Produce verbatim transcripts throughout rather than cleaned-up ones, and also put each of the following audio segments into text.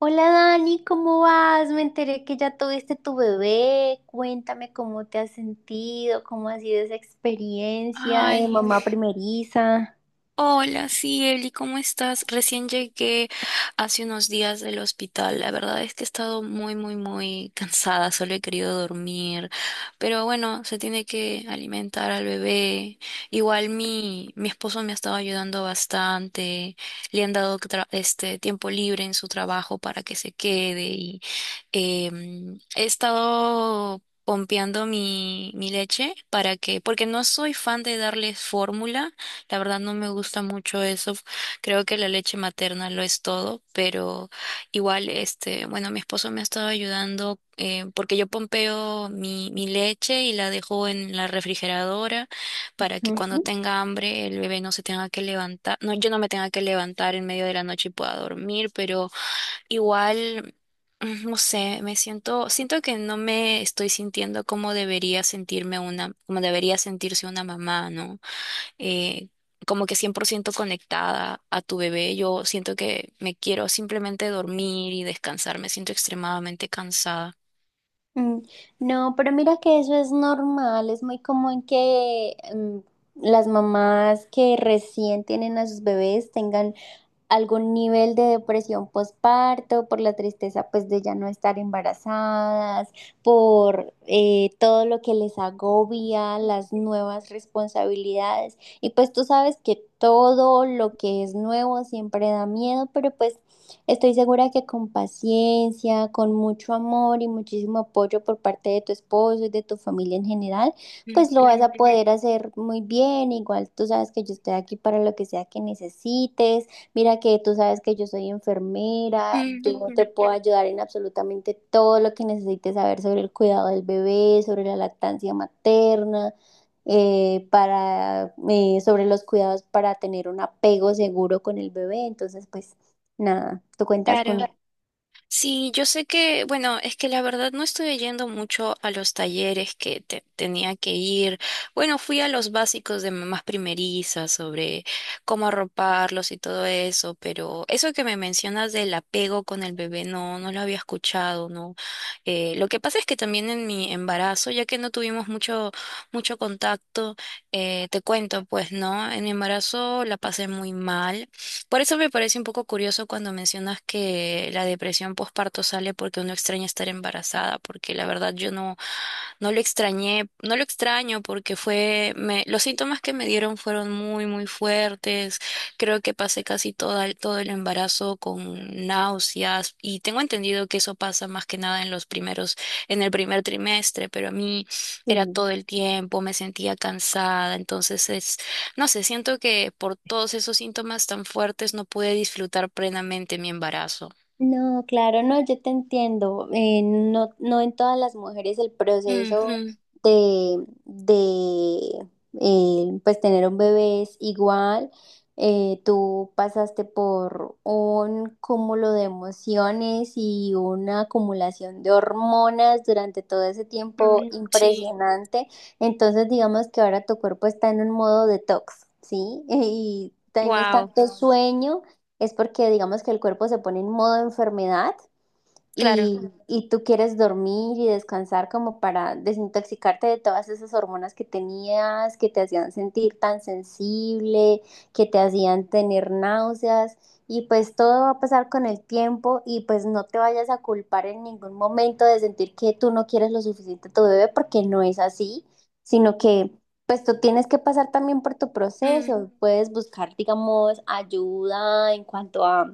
Hola Dani, ¿cómo vas? Me enteré que ya tuviste tu bebé. Cuéntame cómo te has sentido, cómo ha sido esa experiencia de Ay, mamá primeriza. hola, sí, Eli, ¿cómo estás? Recién llegué hace unos días del hospital. La verdad es que he estado muy, muy, muy cansada, solo he querido dormir. Pero bueno, se tiene que alimentar al bebé. Igual mi, mi esposo me ha estado ayudando bastante. Le han dado tra- este tiempo libre en su trabajo para que se quede y em, he estado pompeando mi, mi leche para que, porque no soy fan de darles fórmula. La verdad no me gusta mucho eso. Creo que la leche materna lo es todo, pero igual, este, bueno, mi esposo me ha estado ayudando, eh, porque yo pompeo mi, mi leche y la dejo en la refrigeradora para que cuando Ujú. tenga hambre el bebé no se tenga que levantar, no, yo no me tenga que levantar en medio de la noche y pueda dormir. Pero igual, mm, no sé, me siento, siento que no me estoy sintiendo como debería sentirme una, como debería sentirse una mamá, ¿no? eh, como que cien por ciento conectada a tu bebé. Yo siento que me quiero simplemente dormir y descansar. Me siento extremadamente cansada. Mm, no, pero mira que eso es normal, es muy común que mm, las mamás que recién tienen a sus bebés tengan algún nivel de depresión postparto, por la tristeza pues de ya no estar embarazadas, por eh, todo lo que les agobia, las nuevas responsabilidades. Y pues tú sabes que todo lo que es nuevo siempre da miedo, pero pues estoy segura que con paciencia, con mucho amor y muchísimo apoyo por parte de tu esposo y de tu familia en general, pues lo vas Ujú, a poder hacer muy bien. Igual tú sabes que yo estoy aquí para lo que sea que necesites. Mira que tú sabes que yo soy enfermera, yo ujú, te puedo ayudar en absolutamente todo lo que necesites saber sobre el cuidado del bebé, sobre la lactancia materna, eh, para, eh, sobre los cuidados para tener un apego seguro con el bebé. Entonces, pues nada, tú cuentas con... claro. Sí, yo sé que, bueno, es que la verdad no estoy yendo mucho a los talleres que te- tenía que ir. Bueno, fui a los básicos de mamás primerizas sobre cómo arroparlos y todo eso, pero eso que me mencionas del apego con el bebé, no, no lo había escuchado, ¿no? Eh, lo que pasa es que también en mi embarazo, ya que no tuvimos mucho, mucho contacto, eh, te cuento, pues, ¿no? En mi embarazo la pasé muy mal. Por eso me parece un poco curioso cuando mencionas que la depresión postparto sale porque uno extraña estar embarazada, porque la verdad yo no, no lo extrañé, no lo extraño porque fue, me, los síntomas que me dieron fueron muy, muy fuertes. Creo que pasé casi todo el, todo el embarazo con náuseas y tengo entendido que eso pasa más que nada en los primeros, en el primer trimestre, pero a mí era todo el tiempo, me sentía cansada, entonces no sé, siento que por todos esos síntomas tan fuertes no pude disfrutar plenamente mi embarazo. No, claro, no, yo te entiendo. Eh, no, no en todas las mujeres el proceso Ujú, de, de eh, pues tener un bebé es igual. Eh, tú pasaste por un cúmulo de emociones y una acumulación de hormonas durante todo ese tiempo mm, sí, impresionante. Entonces, digamos que ahora tu cuerpo está en un modo detox, ¿sí? Y tienes wow, tanto sueño es porque digamos que el cuerpo se pone en modo enfermedad claro, y, y tú quieres dormir y descansar como para desintoxicarte de todas esas hormonas que tenías, que te hacían sentir tan sensible, que te hacían tener náuseas. Y pues todo va a pasar con el tiempo y pues no te vayas a culpar en ningún momento de sentir que tú no quieres lo suficiente a tu bebé porque no es así, sino que pues tú tienes que pasar también por tu mm, proceso. Puedes buscar, digamos, ayuda en cuanto a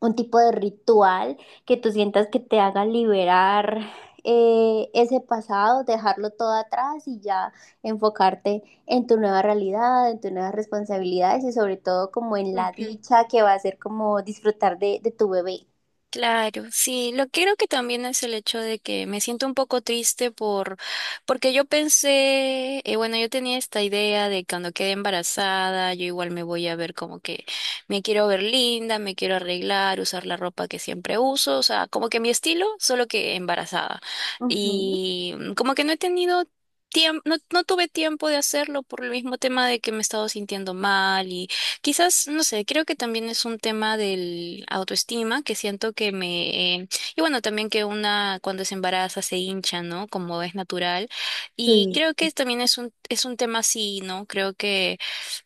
un tipo de ritual que tú sientas que te haga liberar eh, ese pasado, dejarlo todo atrás y ya enfocarte en tu nueva realidad, en tus nuevas responsabilidades y sobre todo como en la ujú. dicha que va a ser como disfrutar de, de tu bebé. Claro, sí, lo que creo que también es el hecho de que me siento un poco triste por, porque yo pensé, eh, bueno, yo tenía esta idea de cuando quede embarazada, yo igual me voy a ver como que me quiero ver linda, me quiero arreglar, usar la ropa que siempre uso, o sea, como que mi estilo, solo que embarazada. Ujú. Y mm, como que no he tenido tiempo, no, no tuve tiempo de hacerlo por el mismo tema de que me he estado sintiendo mal. Quizás, no sé, creo que también es un tema del autoestima, que siento que me... eh, y bueno, también que una cuando se embaraza se hincha, ¿no? Como es natural. Y Sí. creo que también es un, es un tema así, ¿no? Creo que...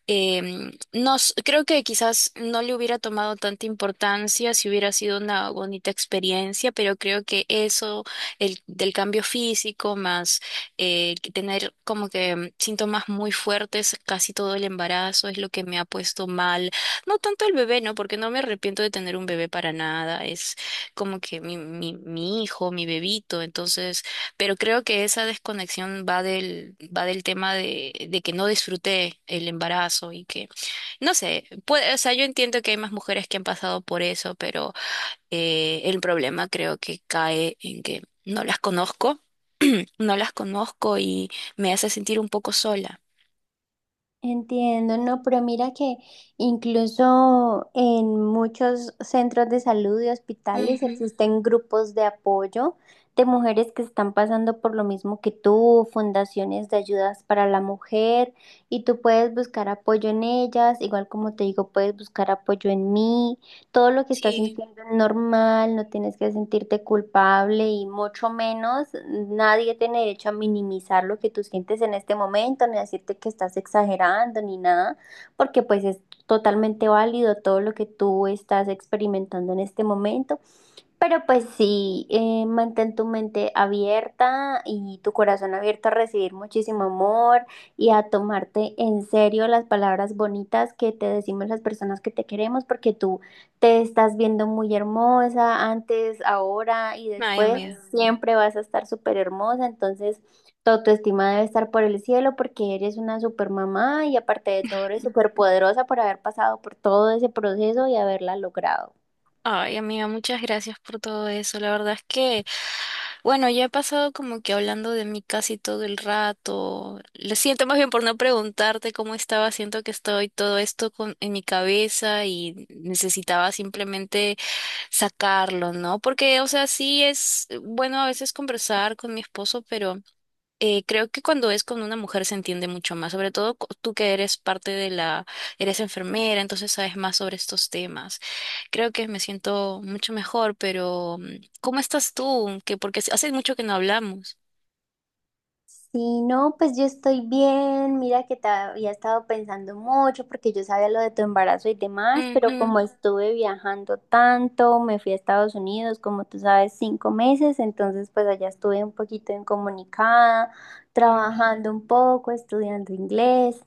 Em, no, s- creo que quizás no le hubiera tomado tanta importancia si hubiera sido una bonita experiencia, pero creo que eso, el del cambio físico, más eh, que tener como que mm, síntomas muy fuertes casi todo el embarazo es lo que me ha puesto mal. No tanto el bebé, ¿no? Porque no me arrepiento de tener un bebé para nada. Es como que mi, mi, mi hijo, mi bebito. Entonces pero creo que esa desconexión va del, va del tema de, de que no disfruté el embarazo y que, no sé, puede, o sea, yo entiendo que hay más mujeres que han pasado por eso, pero eh, el problema creo que cae en que no las conozco, no las conozco y me hace sentir un poco sola. Entiendo, no, pero mira que incluso en muchos centros de salud y hospitales Ujú, existen grupos de apoyo de mujeres que están pasando por lo mismo que tú, fundaciones de ayudas para la mujer, y tú puedes buscar apoyo en ellas, igual como te digo, puedes buscar apoyo en mí. Todo lo que estás sí, sintiendo es normal, no tienes que sentirte culpable y mucho menos nadie tiene derecho a minimizar lo que tú sientes en este momento, ni a decirte que estás exagerando ni nada, porque pues es totalmente válido todo lo que tú estás experimentando en este momento. Pero pues sí, eh, mantén tu mente abierta y tu corazón abierto a recibir muchísimo amor y a tomarte en serio las palabras bonitas que te decimos las personas que te queremos, porque tú te estás viendo muy hermosa antes, ahora y ay, después. Mm. amiga. Siempre vas a estar súper hermosa, entonces tu autoestima debe estar por el cielo porque eres una super mamá y aparte de todo eres súper poderosa por haber pasado por todo ese proceso y haberla logrado. Ay, amiga, muchas gracias por todo eso. La verdad es que, bueno, ya he pasado como que hablando de mí casi todo el rato. Lo siento más bien por no preguntarte cómo estaba. Siento que estoy todo esto con, en mi cabeza y necesitaba simplemente sacarlo, ¿no? Porque, o sea, sí es bueno a veces conversar con mi esposo, pero eh, creo que cuando es con una mujer se entiende mucho más, sobre todo cu- tú que eres parte de la, eres enfermera, entonces sabes más sobre estos temas. Creo que me siento mucho mejor, pero mm, ¿cómo estás tú? Que porque hace hace mucho que no hablamos. Sí, no, pues yo estoy bien. Mira que te había estado pensando mucho porque yo sabía lo de tu embarazo y demás, pero como Ujú, Ajá. Estuve viajando tanto, me fui a Estados Unidos, como tú sabes, cinco meses, entonces pues allá estuve un poquito incomunicada, mm, trabajando un poco, estudiando inglés.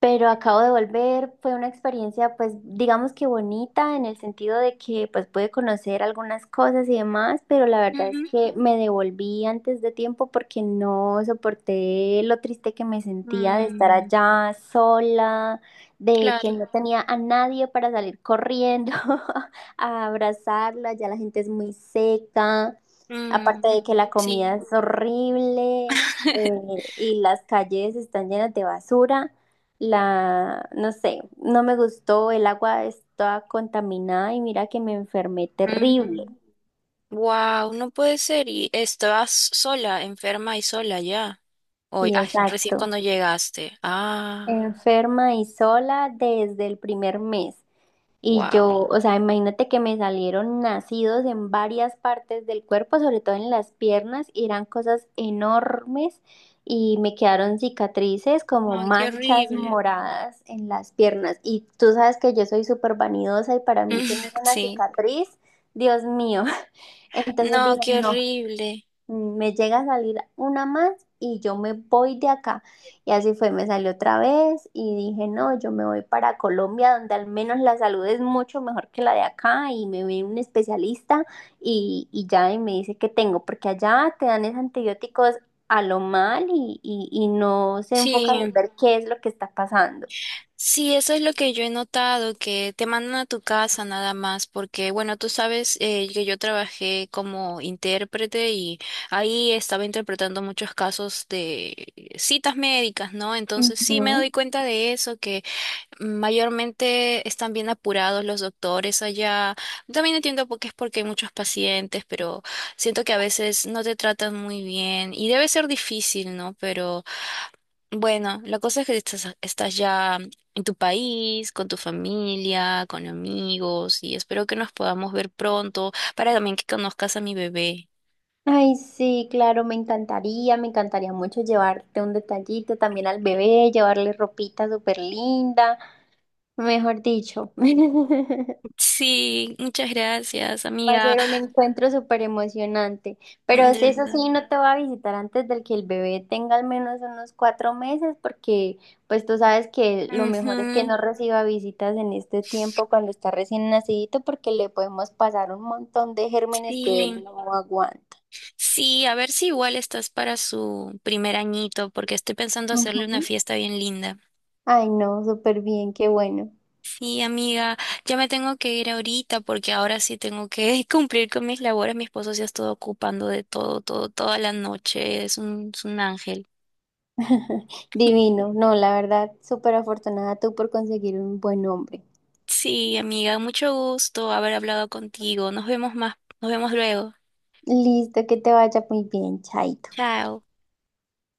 Pero acabo de volver, fue una experiencia pues digamos que bonita en el sentido de que pues pude conocer algunas cosas y demás, pero la verdad es que me devolví antes de tiempo porque no soporté lo triste que me ujú, sentía de estar mm, allá sola, de que claro, no tenía a nadie para salir corriendo a abrazarla, ya la gente es muy seca, mm, aparte de que la comida sí. es horrible. Eh, y las calles están llenas de basura. La, no sé, no me gustó, el agua estaba contaminada y mira que me enfermé terrible. Wow, no puede ser. Y estabas sola, enferma y sola ya. Hoy, Sí, ay, recién exacto. cuando llegaste. Ah, Enferma y sola desde el primer mes. Y wow. yo, o sea, imagínate que me salieron nacidos en varias partes del cuerpo, sobre todo en las piernas, y eran cosas enormes y me quedaron cicatrices como Ay, qué manchas horrible. moradas en las piernas. Y tú sabes que yo soy súper vanidosa y para mí tener una Sí. cicatriz, Dios mío. Entonces No, dije, qué no, horrible. mm, me llega a salir una más y yo me voy de acá. Y así fue, me salió otra vez y dije, no, yo me voy para Colombia, donde al menos la salud es mucho mejor que la de acá y me ve un especialista y, y ya y me dice qué tengo, porque allá te dan esos antibióticos a lo mal y, y, y no se enfocan en Sí. ver qué es lo que está pasando. Sí, eso es lo que yo he notado, que te mandan a tu casa nada más, porque bueno, tú sabes eh, que yo trabajé como intérprete y ahí estaba interpretando muchos casos de citas médicas, ¿no? Entonces sí me doy cuenta de eso. Mayormente están bien apurados los doctores allá. También entiendo por qué es, porque hay muchos pacientes, pero siento que a veces no te tratan muy bien y debe ser difícil, ¿no? Pero bueno, la cosa es que estás, estás ya en tu país, con tu familia, con amigos y espero que nos podamos ver pronto para también que conozcas a mi bebé. Ay, sí, claro, me encantaría, me encantaría mucho llevarte un detallito también al bebé, llevarle ropita súper linda, mejor dicho. Sí, muchas gracias, Va a amiga. ser un encuentro súper emocionante. Pero De si eso verdad. sí, no te va a visitar antes del que el bebé tenga al menos unos cuatro meses, porque pues tú sabes que lo mejor es que Ujú, no reciba visitas en este tiempo cuando está recién nacidito, porque le podemos pasar un montón de gérmenes que él sí. no aguanta. Sí, a ver si igual estás para su primer añito, porque estoy pensando hacerle una Ujú. fiesta bien linda. Ay, no, súper bien, qué bueno. Sí, amiga, ya me tengo que ir ahorita porque ahora sí tengo que cumplir con mis labores. Mi esposo se ha estado ocupando de todo, todo, toda la noche. Es un, es un ángel. Divino, no, la verdad, súper afortunada tú por conseguir un buen hombre. Sí, amiga, mucho gusto haber hablado contigo. Nos vemos más, nos vemos luego. Listo, que te vaya muy bien, chaito. Chao.